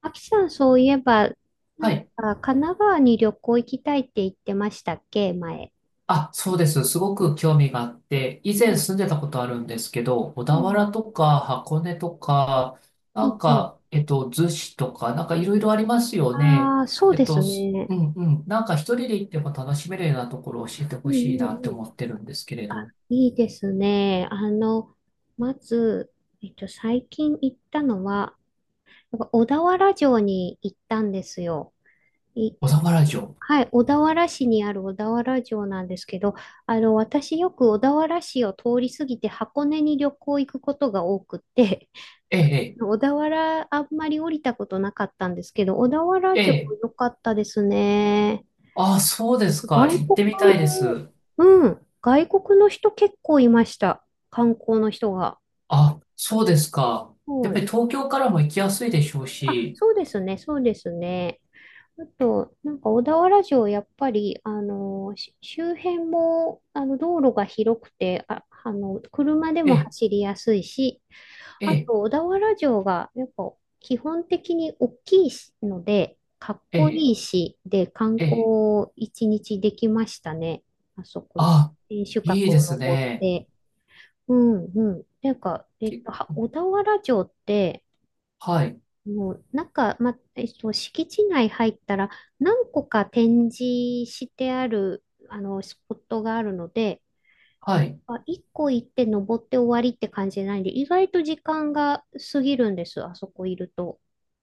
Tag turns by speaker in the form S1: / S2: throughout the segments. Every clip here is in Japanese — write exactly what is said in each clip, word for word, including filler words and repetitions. S1: あきさん、そういえば、な
S2: は
S1: ん
S2: い。
S1: か、神奈川に旅行行きたいって言ってましたっけ、前。
S2: あ、そうです。すごく興味があって、以
S1: う
S2: 前
S1: ん
S2: 住んでたことあるんですけど、小田
S1: うん、
S2: 原とか箱根とか、
S1: う
S2: な
S1: ん、
S2: ん
S1: うん。
S2: か、えっと、逗子とか、なんかいろいろありますよね。
S1: ああ、そう
S2: えっ
S1: です
S2: と、す
S1: ね。
S2: うんうん。なんか一人で行っても楽しめるようなところを教えて
S1: うん、
S2: ほしい
S1: う
S2: な
S1: ん、
S2: って
S1: うん。
S2: 思ってるんですけれど。
S1: いいですね。あの、まず、えっと、最近行ったのは、なんか小田原城に行ったんですよ。い、
S2: 小田原城。
S1: はい、小田原市にある小田原城なんですけど、あの、私よく小田原市を通り過ぎて箱根に旅行行くことが多くって、
S2: ええ、
S1: 小田原、あんまり降りたことなかったんですけど、小田原
S2: え
S1: 城
S2: え。え
S1: 良
S2: え、
S1: かったですね。
S2: あ、そうですか。
S1: 外
S2: 行っ
S1: 国、
S2: てみたいです。
S1: うん、外国の人結構いました。観光の人が。
S2: あ、そうですか。やっ
S1: は
S2: ぱ
S1: い。
S2: り東京からも行きやすいでしょう
S1: あ、
S2: し、
S1: そうですね、そうですね。あと、なんか小田原城、やっぱり、あの、し周辺も、あの、道路が広くて、あ、あの、車で
S2: え
S1: も
S2: え、
S1: 走りやすいし、
S2: え
S1: あ
S2: え、
S1: と、小田原城が、やっぱ、基本的に大きいしので、かっ
S2: え
S1: こ
S2: え、
S1: いいし、で、観
S2: ええ。
S1: 光一日できましたね。あそこに。
S2: あ、
S1: 天守
S2: い
S1: 閣
S2: いで
S1: を
S2: す
S1: 登っ
S2: ね。
S1: て。うんうん。なんか、えっ
S2: け、
S1: と、は小田原城って、
S2: はい、
S1: もう、なんか、ま、えっと、敷地内入ったら、何個か展示してある、あの、スポットがあるので、
S2: はい。
S1: あ、一個行って登って終わりって感じじゃないんで、意外と時間が過ぎるんです、あそこいると。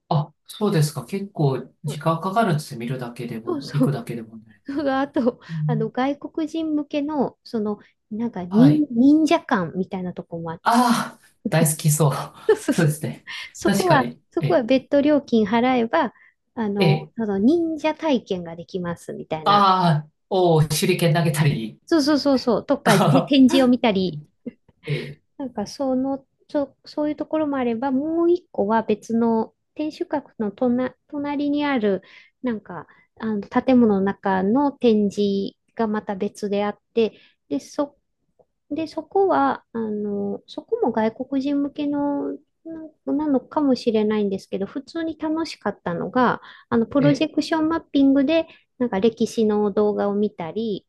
S2: あ、そうですか。結構
S1: う
S2: 時
S1: ん
S2: 間かかるんですよ。見るだけで
S1: そう
S2: も、行
S1: そ
S2: く
S1: う。
S2: だけでも ね。
S1: それがあと、
S2: う
S1: あの、
S2: ん、
S1: 外国人向けの、その、なんか
S2: は
S1: 忍、
S2: い。
S1: 忍者館みたいなとこもあって、
S2: ああ、大好きそう。
S1: そう そう
S2: そ
S1: そう。
S2: うですね。
S1: そ
S2: 確
S1: こ
S2: か
S1: は、
S2: に。
S1: そ
S2: え
S1: こは
S2: え、
S1: 別途料金払えば、あ
S2: え
S1: の、
S2: え、
S1: その忍者体験ができますみたいな。
S2: ああ、おー、手裏剣投げたり。
S1: そうそうそうそう。と か、て
S2: あ
S1: 展
S2: ー、
S1: 示を見たり、
S2: ええ、
S1: なんかその、そ、そういうところもあれば、もう一個は別の天守閣の隣、隣にある、なんか、あの建物の中の展示がまた別であって、で、そ、で、そこは、あの、そこも外国人向けの、ななのかもしれないんですけど、普通に楽しかったのが、あの、プ
S2: え
S1: ロジ
S2: え、
S1: ェクションマッピングで、なんか歴史の動画を見たり、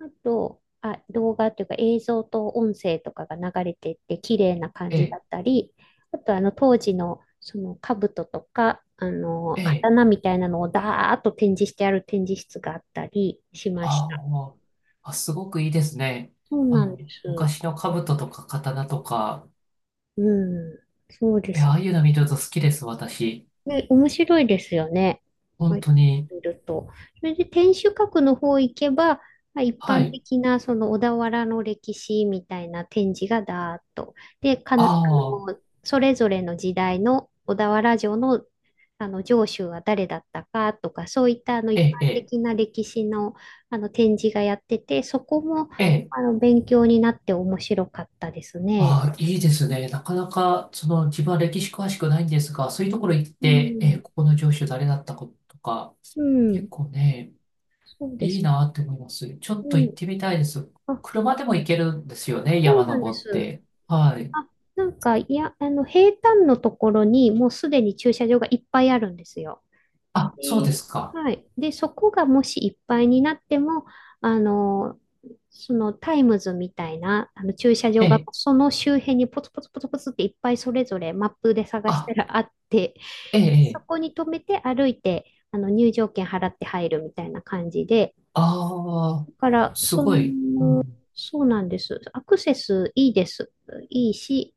S1: あと、あ、動画っていうか映像と音声とかが流れてって綺麗な感
S2: え
S1: じだ
S2: え、
S1: ったり、あとあの当時のその兜とか、あの、
S2: ええ、
S1: 刀みたいなのをダーッと展示してある展示室があったりしまし
S2: あー、
S1: た。
S2: おー、あ、すごくいいですね。
S1: そう
S2: あ
S1: なんで
S2: の、
S1: す。
S2: 昔の兜とか刀とか、
S1: うん。そうで
S2: え、あ
S1: す。
S2: あいうの見ると好きです、私。
S1: ね、面白いですよね。はこ
S2: 本
S1: い。
S2: 当に。
S1: う見ると。それで天守閣の方行けば、まあ、一
S2: は
S1: 般
S2: い。
S1: 的なその小田原の歴史みたいな展示がだーっと。で、かん、
S2: あ
S1: あの、
S2: あ、
S1: それぞれの時代の小田原城の、あの城主は誰だったかとか、そういったあの
S2: え
S1: 一般
S2: え、ええ、
S1: 的な歴史の、あの展示がやってて、そこも
S2: ええ、
S1: あの勉強になって面白かったですね。
S2: ああ、いいですね。なかなか、その、自分は歴史詳しくないんですが、そういうところ行っ
S1: う
S2: て、ええ、
S1: ん。
S2: ここの城主誰だったかとか、
S1: う
S2: 結
S1: ん。
S2: 構ね、
S1: そうで
S2: いい
S1: す。
S2: なって思います。ちょっと
S1: う
S2: 行っ
S1: ん。
S2: てみたいです。
S1: あ
S2: 車でも行けるんですよね、
S1: そう
S2: 山
S1: なんで
S2: 登っ
S1: す。
S2: て。はい。
S1: あ、なんか、いや、あの、平坦のところにもうすでに駐車場がいっぱいあるんですよ。
S2: あ、そうで
S1: で、
S2: すか。
S1: はい。で、そこがもしいっぱいになっても、あの、そのタイムズみたいなあの駐車
S2: え
S1: 場が
S2: え、
S1: その周辺にポツポツポツポツっていっぱいそれぞれマップで探した
S2: あ、
S1: らあって、
S2: ええ、え
S1: そ
S2: え、
S1: こに止めて歩いて、あの入場券払って入るみたいな感じで、
S2: ああ、
S1: だから、
S2: す
S1: そ
S2: ごい。う
S1: の、
S2: ん、
S1: そうなんです。アクセスいいです。いいし、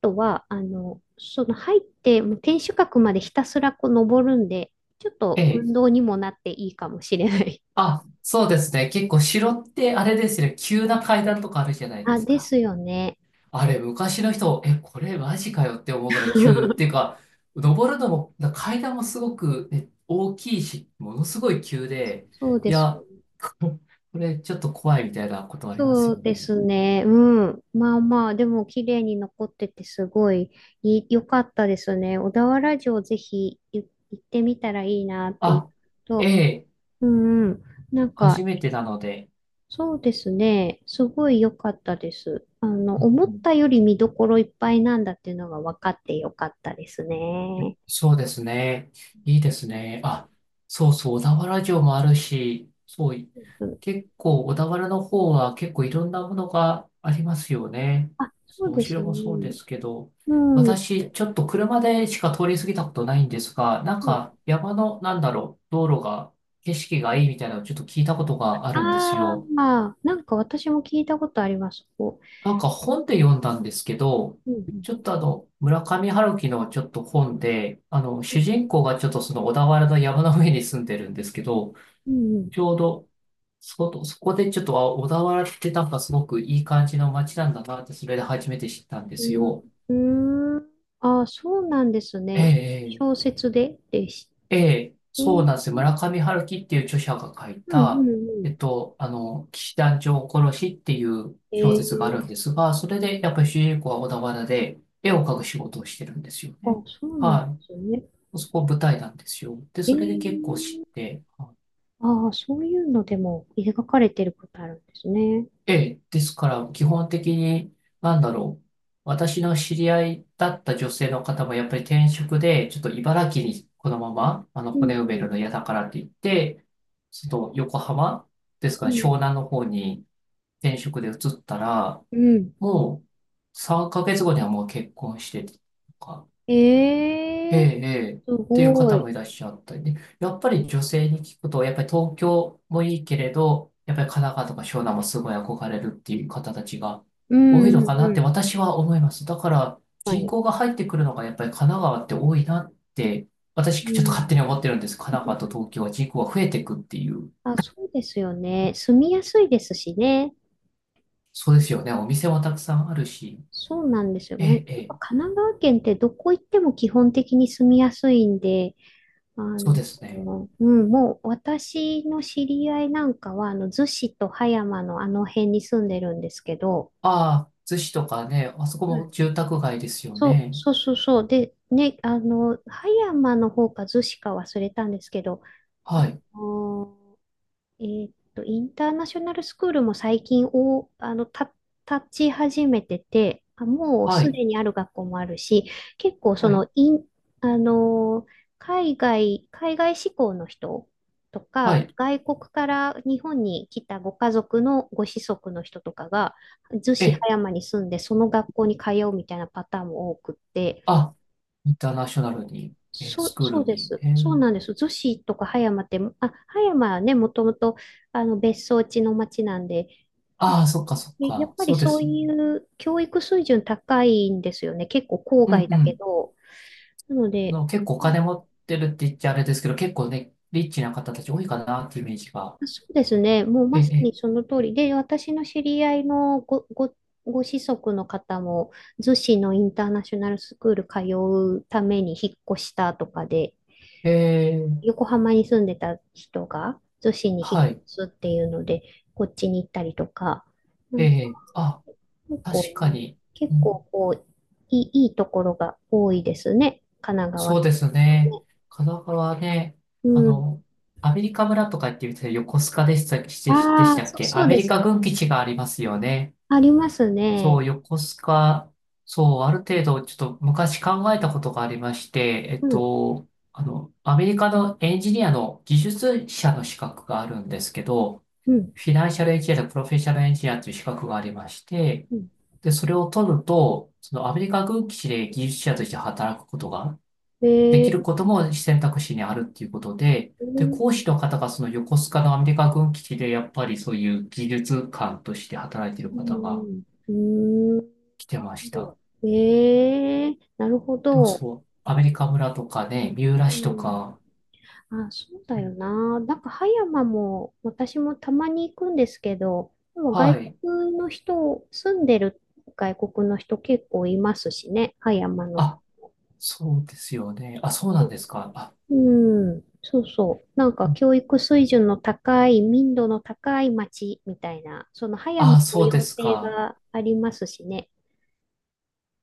S1: とは、あの、その入って、もう天守閣までひたすらこう登るんで、ちょっ
S2: え
S1: と
S2: え、
S1: 運動にもなっていいかもしれない。
S2: あ、そうですね。結構城ってあれですね、急な階段とかあるじゃな いで
S1: あ、
S2: す
S1: で
S2: か。
S1: すよね。
S2: あれ、昔の人、え、これマジかよって思うぐらい急っていう か、登るのも、だ階段もすごく、ね、大きいし、ものすごい急で、
S1: そう
S2: い
S1: です。
S2: や、ここれちょっと怖いみたいなことあります
S1: そ
S2: よ
S1: うで
S2: ね。
S1: すね。うん。まあまあ、でも綺麗に残っててすごいい良かったですね。小田原城ぜひい行ってみたらいいなって、
S2: あ、え
S1: と、
S2: え、
S1: うんうん。なん
S2: 初
S1: か
S2: めてなので、
S1: そうですね。すごい良かったです。あの、
S2: うん
S1: 思
S2: う
S1: っ
S2: ん、
S1: たより見どころいっぱいなんだっていうのが分かって良かったですね。
S2: そうですね。いいですね。あ、そうそう、小田原城もあるし、そうい、
S1: うん、
S2: 結構、小田原の方は結構いろんなものがありますよね。
S1: あ、そ
S2: そ
S1: う
S2: うお
S1: です
S2: 城
S1: ね。
S2: もそうですけど、
S1: うん。う
S2: 私、ちょっと車でしか通り過ぎたことないんですが、なんか
S1: ん
S2: 山の、なんだろう、道路が、景色がいいみたいなのをちょっと聞いたことがあるんです
S1: あ
S2: よ。
S1: ー、まあ、なんか私も聞いたことあります。こ
S2: なんか本で読んだんですけど、
S1: う。うん
S2: ちょっとあの、村上春樹のちょっと本で、あの、
S1: う
S2: 主
S1: ん。
S2: 人公がちょっとその小田原の山の上に住んでるんですけど、
S1: うん
S2: ちょうど、そこ、そこでちょっと、あ、小田原ってなんかすごくいい感じの街なんだなって、それで初めて知ったんですよ。
S1: うん。うーん。あー、そうなんです
S2: え
S1: ね。
S2: ええ
S1: 小説ででして。
S2: ええ、
S1: う
S2: そう
S1: ん
S2: なんですよ。村上春樹っていう著者が書い
S1: う
S2: た、
S1: ん
S2: え
S1: う
S2: っと、あの、騎士団長殺しっていう
S1: ん。
S2: 小
S1: え
S2: 説があるん
S1: ー、
S2: ですが、それでやっぱり主人公は小田原で絵を描く仕事をしてるんですよね。
S1: あ、そうなんで
S2: は
S1: すね。
S2: い。そこ舞台なんですよ。で、
S1: え
S2: それで
S1: ー
S2: 結構知って、
S1: ああ、そういうのでも描かれてることあるんですね。
S2: ええ、ですから、基本的に、なんだろう。私の知り合いだった女性の方も、やっぱり転職で、ちょっと茨城にこのまま、あの、
S1: う
S2: 骨埋める
S1: ん、
S2: の嫌だからって言って、ちょっと横浜ですか
S1: う
S2: ね、
S1: ん、
S2: 湘南の方に転職で移ったら、
S1: うん。
S2: もうさんかげつごにはもう結婚してとか、え
S1: ええ
S2: え、ええ、っ
S1: す
S2: ていう
S1: ご
S2: 方
S1: い。
S2: もいらっしゃったりね。やっぱり女性に聞くと、やっぱり東京もいいけれど、やっぱり神奈川とか湘南もすごい憧れるっていう方たちが
S1: う
S2: 多
S1: ん、う
S2: いの
S1: ん、
S2: かなっ
S1: う
S2: て
S1: ん。
S2: 私は思います。だから
S1: 確か
S2: 人
S1: に。
S2: 口が入ってくるのがやっぱり神奈川って多いなって、私
S1: う
S2: ちょっと勝手
S1: ん。
S2: に思ってるんです。神奈川と東京は人口が増えていくっていう。
S1: あ、そうですよね。住みやすいですしね。
S2: そうですよね。お店もたくさんあるし。
S1: そうなんですよ
S2: え
S1: ね。や
S2: え、え
S1: っぱ
S2: え、
S1: 神奈川県ってどこ行っても基本的に住みやすいんで、あ
S2: そうですね。
S1: の、うん、もう私の知り合いなんかは、あの、逗子と葉山のあの辺に住んでるんですけど、
S2: ああ、逗子とかね、あそこ
S1: はい
S2: も住宅街ですよ
S1: そう、
S2: ね。
S1: そうそうそう。で、ね、あの、葉山の方か逗子か忘れたんですけど、
S2: はい、
S1: あのえーっと、インターナショナルスクールも最近お、あの、た、立ち始めてて、あ、もう
S2: は
S1: す
S2: い。
S1: でにある学校もあるし、結構そ
S2: はい
S1: の、イン、あの、海外、海外志向の人と
S2: は
S1: か、
S2: い。
S1: 外国から日本に来たご家族のご子息の人とかが、逗子葉
S2: え、
S1: 山に住んで、その学校に通うみたいなパターンも多くって、
S2: あ、インターナショナルに、え、
S1: そ
S2: ス
S1: う、
S2: クー
S1: そう
S2: ル
S1: で
S2: に。
S1: す。
S2: え
S1: そう
S2: ー、
S1: なんです。逗子とか葉山って、あ、葉山はね、もともとあの別荘地の町なんで、なん
S2: ああ、
S1: か
S2: そっかそっ
S1: えやっ
S2: か。
S1: ぱ
S2: そ
S1: り
S2: うで
S1: そう
S2: すよ
S1: い
S2: ね。
S1: う教育水準高いんですよね。結構郊
S2: うんう
S1: 外だけ
S2: ん。
S1: ど。なので、
S2: の、結構お
S1: うん
S2: 金持ってるって言っちゃあれですけど、結構ね、リッチな方たち多いかなっていうイメージが。
S1: そうですね。もう
S2: え
S1: まさ
S2: え、
S1: にその通りで、私の知り合いのご、ご、ご子息の方も、逗子のインターナショナルスクール通うために引っ越したとかで、
S2: ええ、
S1: 横浜に住んでた人が逗子に引っ
S2: はい。
S1: 越すっていうので、こっちに行ったりとか、う
S2: え
S1: ん
S2: え、あ、
S1: 結
S2: 確
S1: 構、
S2: かに。
S1: 結
S2: うん、
S1: 構こう、いい、いいところが多いですね、神奈川
S2: そ
S1: っ
S2: う
S1: て
S2: ですね。
S1: ね。
S2: 神奈川ね、
S1: う
S2: あ
S1: ん。
S2: の、アメリカ村とかって言ってたら横須賀でした、しでし
S1: ああ、
S2: たっ
S1: そ、
S2: け、
S1: そ
S2: ア
S1: う
S2: メ
S1: で
S2: リ
S1: す。
S2: カ軍基地がありますよね。
S1: あります
S2: そ
S1: ね。
S2: う、横須賀、そう、ある程度、ちょっと昔考えたことがありまして、えっ
S1: うん、
S2: と、あの、アメリカのエンジニアの技術者の資格があるんですけど、
S1: うん、
S2: フィナンシャルエンジニアとプロフェッショナルエンジニアという資格がありまして、
S1: うん。
S2: で、それを取ると、そのアメリカ軍基地で技術者として働くことができる
S1: ええ
S2: ことも選択肢にあるっていうことで、
S1: う
S2: で、
S1: ん、
S2: 講師の方がその横須賀のアメリカ軍基地でやっぱりそういう技術官として働いている方が
S1: うん、
S2: 来てました。
S1: ええなるほ
S2: でも
S1: ど。
S2: そう、アメリカ村とかね、三浦
S1: う
S2: 市と
S1: ん
S2: か、
S1: あ、そうだ
S2: う
S1: よ
S2: ん、
S1: な。なんか葉山も私もたまに行くんですけど、でも外
S2: はい。
S1: 国の人、住んでる外国の人結構いますしね、葉山の。
S2: あ、そうですよね。あ、そうなんですか。あ、
S1: うん、そうそう。なん
S2: う
S1: か
S2: ん、
S1: 教育水準の高い、民度の高い町みたいな、その葉
S2: あ、
S1: 山御
S2: そうで
S1: 用
S2: す
S1: 邸
S2: か。
S1: がありますしね。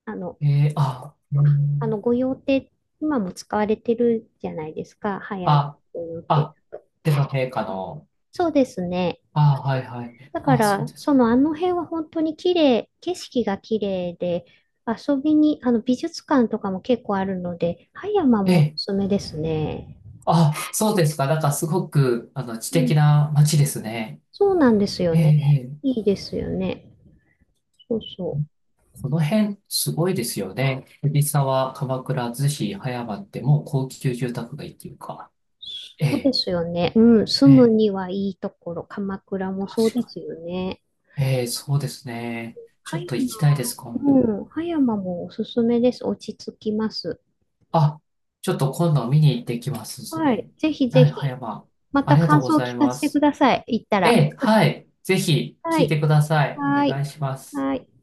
S1: あの、
S2: えー、あ、う
S1: あの
S2: ん、
S1: 御用邸、今も使われてるじゃないですか、葉山
S2: あ、
S1: 御用邸。
S2: あ、でも陛下の、
S1: そうですね。
S2: あ、はいはい。
S1: だか
S2: あ、そう
S1: ら、
S2: です
S1: そ
S2: か。
S1: のあの辺は本当に綺麗、景色が綺麗で、遊びに、あの美術館とかも結構あるので、葉山
S2: え
S1: もお
S2: え、
S1: すすめですね。
S2: あ、そうですか。なんかすごく、あの、知
S1: う
S2: 的
S1: ん、
S2: な街ですね。
S1: そうなんですよ
S2: ええ、
S1: ね。
S2: ええ、
S1: いいですよね。そうそう。
S2: この辺、すごいですよね。藤沢、鎌倉、逗子、葉山ってもう高級住宅街っていうか。え
S1: そうで
S2: え、
S1: すよね。うん、住
S2: え
S1: む
S2: え、
S1: にはいいところ、鎌倉もそう
S2: 確
S1: で
S2: か
S1: す
S2: に。
S1: よね。
S2: ええ、そうですね。ち
S1: 葉
S2: ょっと行きたいです、今
S1: 山、
S2: 度。
S1: うん、葉山もおすすめです。落ち着きます。
S2: あ、ちょっと今度見に行ってきます、そ
S1: はい、
S2: れ。
S1: ぜひぜ
S2: はい、葉
S1: ひ、
S2: 山。
S1: ま
S2: あ
S1: た
S2: りがとう
S1: 感
S2: ご
S1: 想を
S2: ざい
S1: 聞か
S2: ま
S1: せてく
S2: す。
S1: ださい。行った
S2: え
S1: ら。
S2: え、はい。ぜひ
S1: は
S2: 聞い
S1: い。
S2: てください。お
S1: はー
S2: 願
S1: い。
S2: いします。
S1: はーい。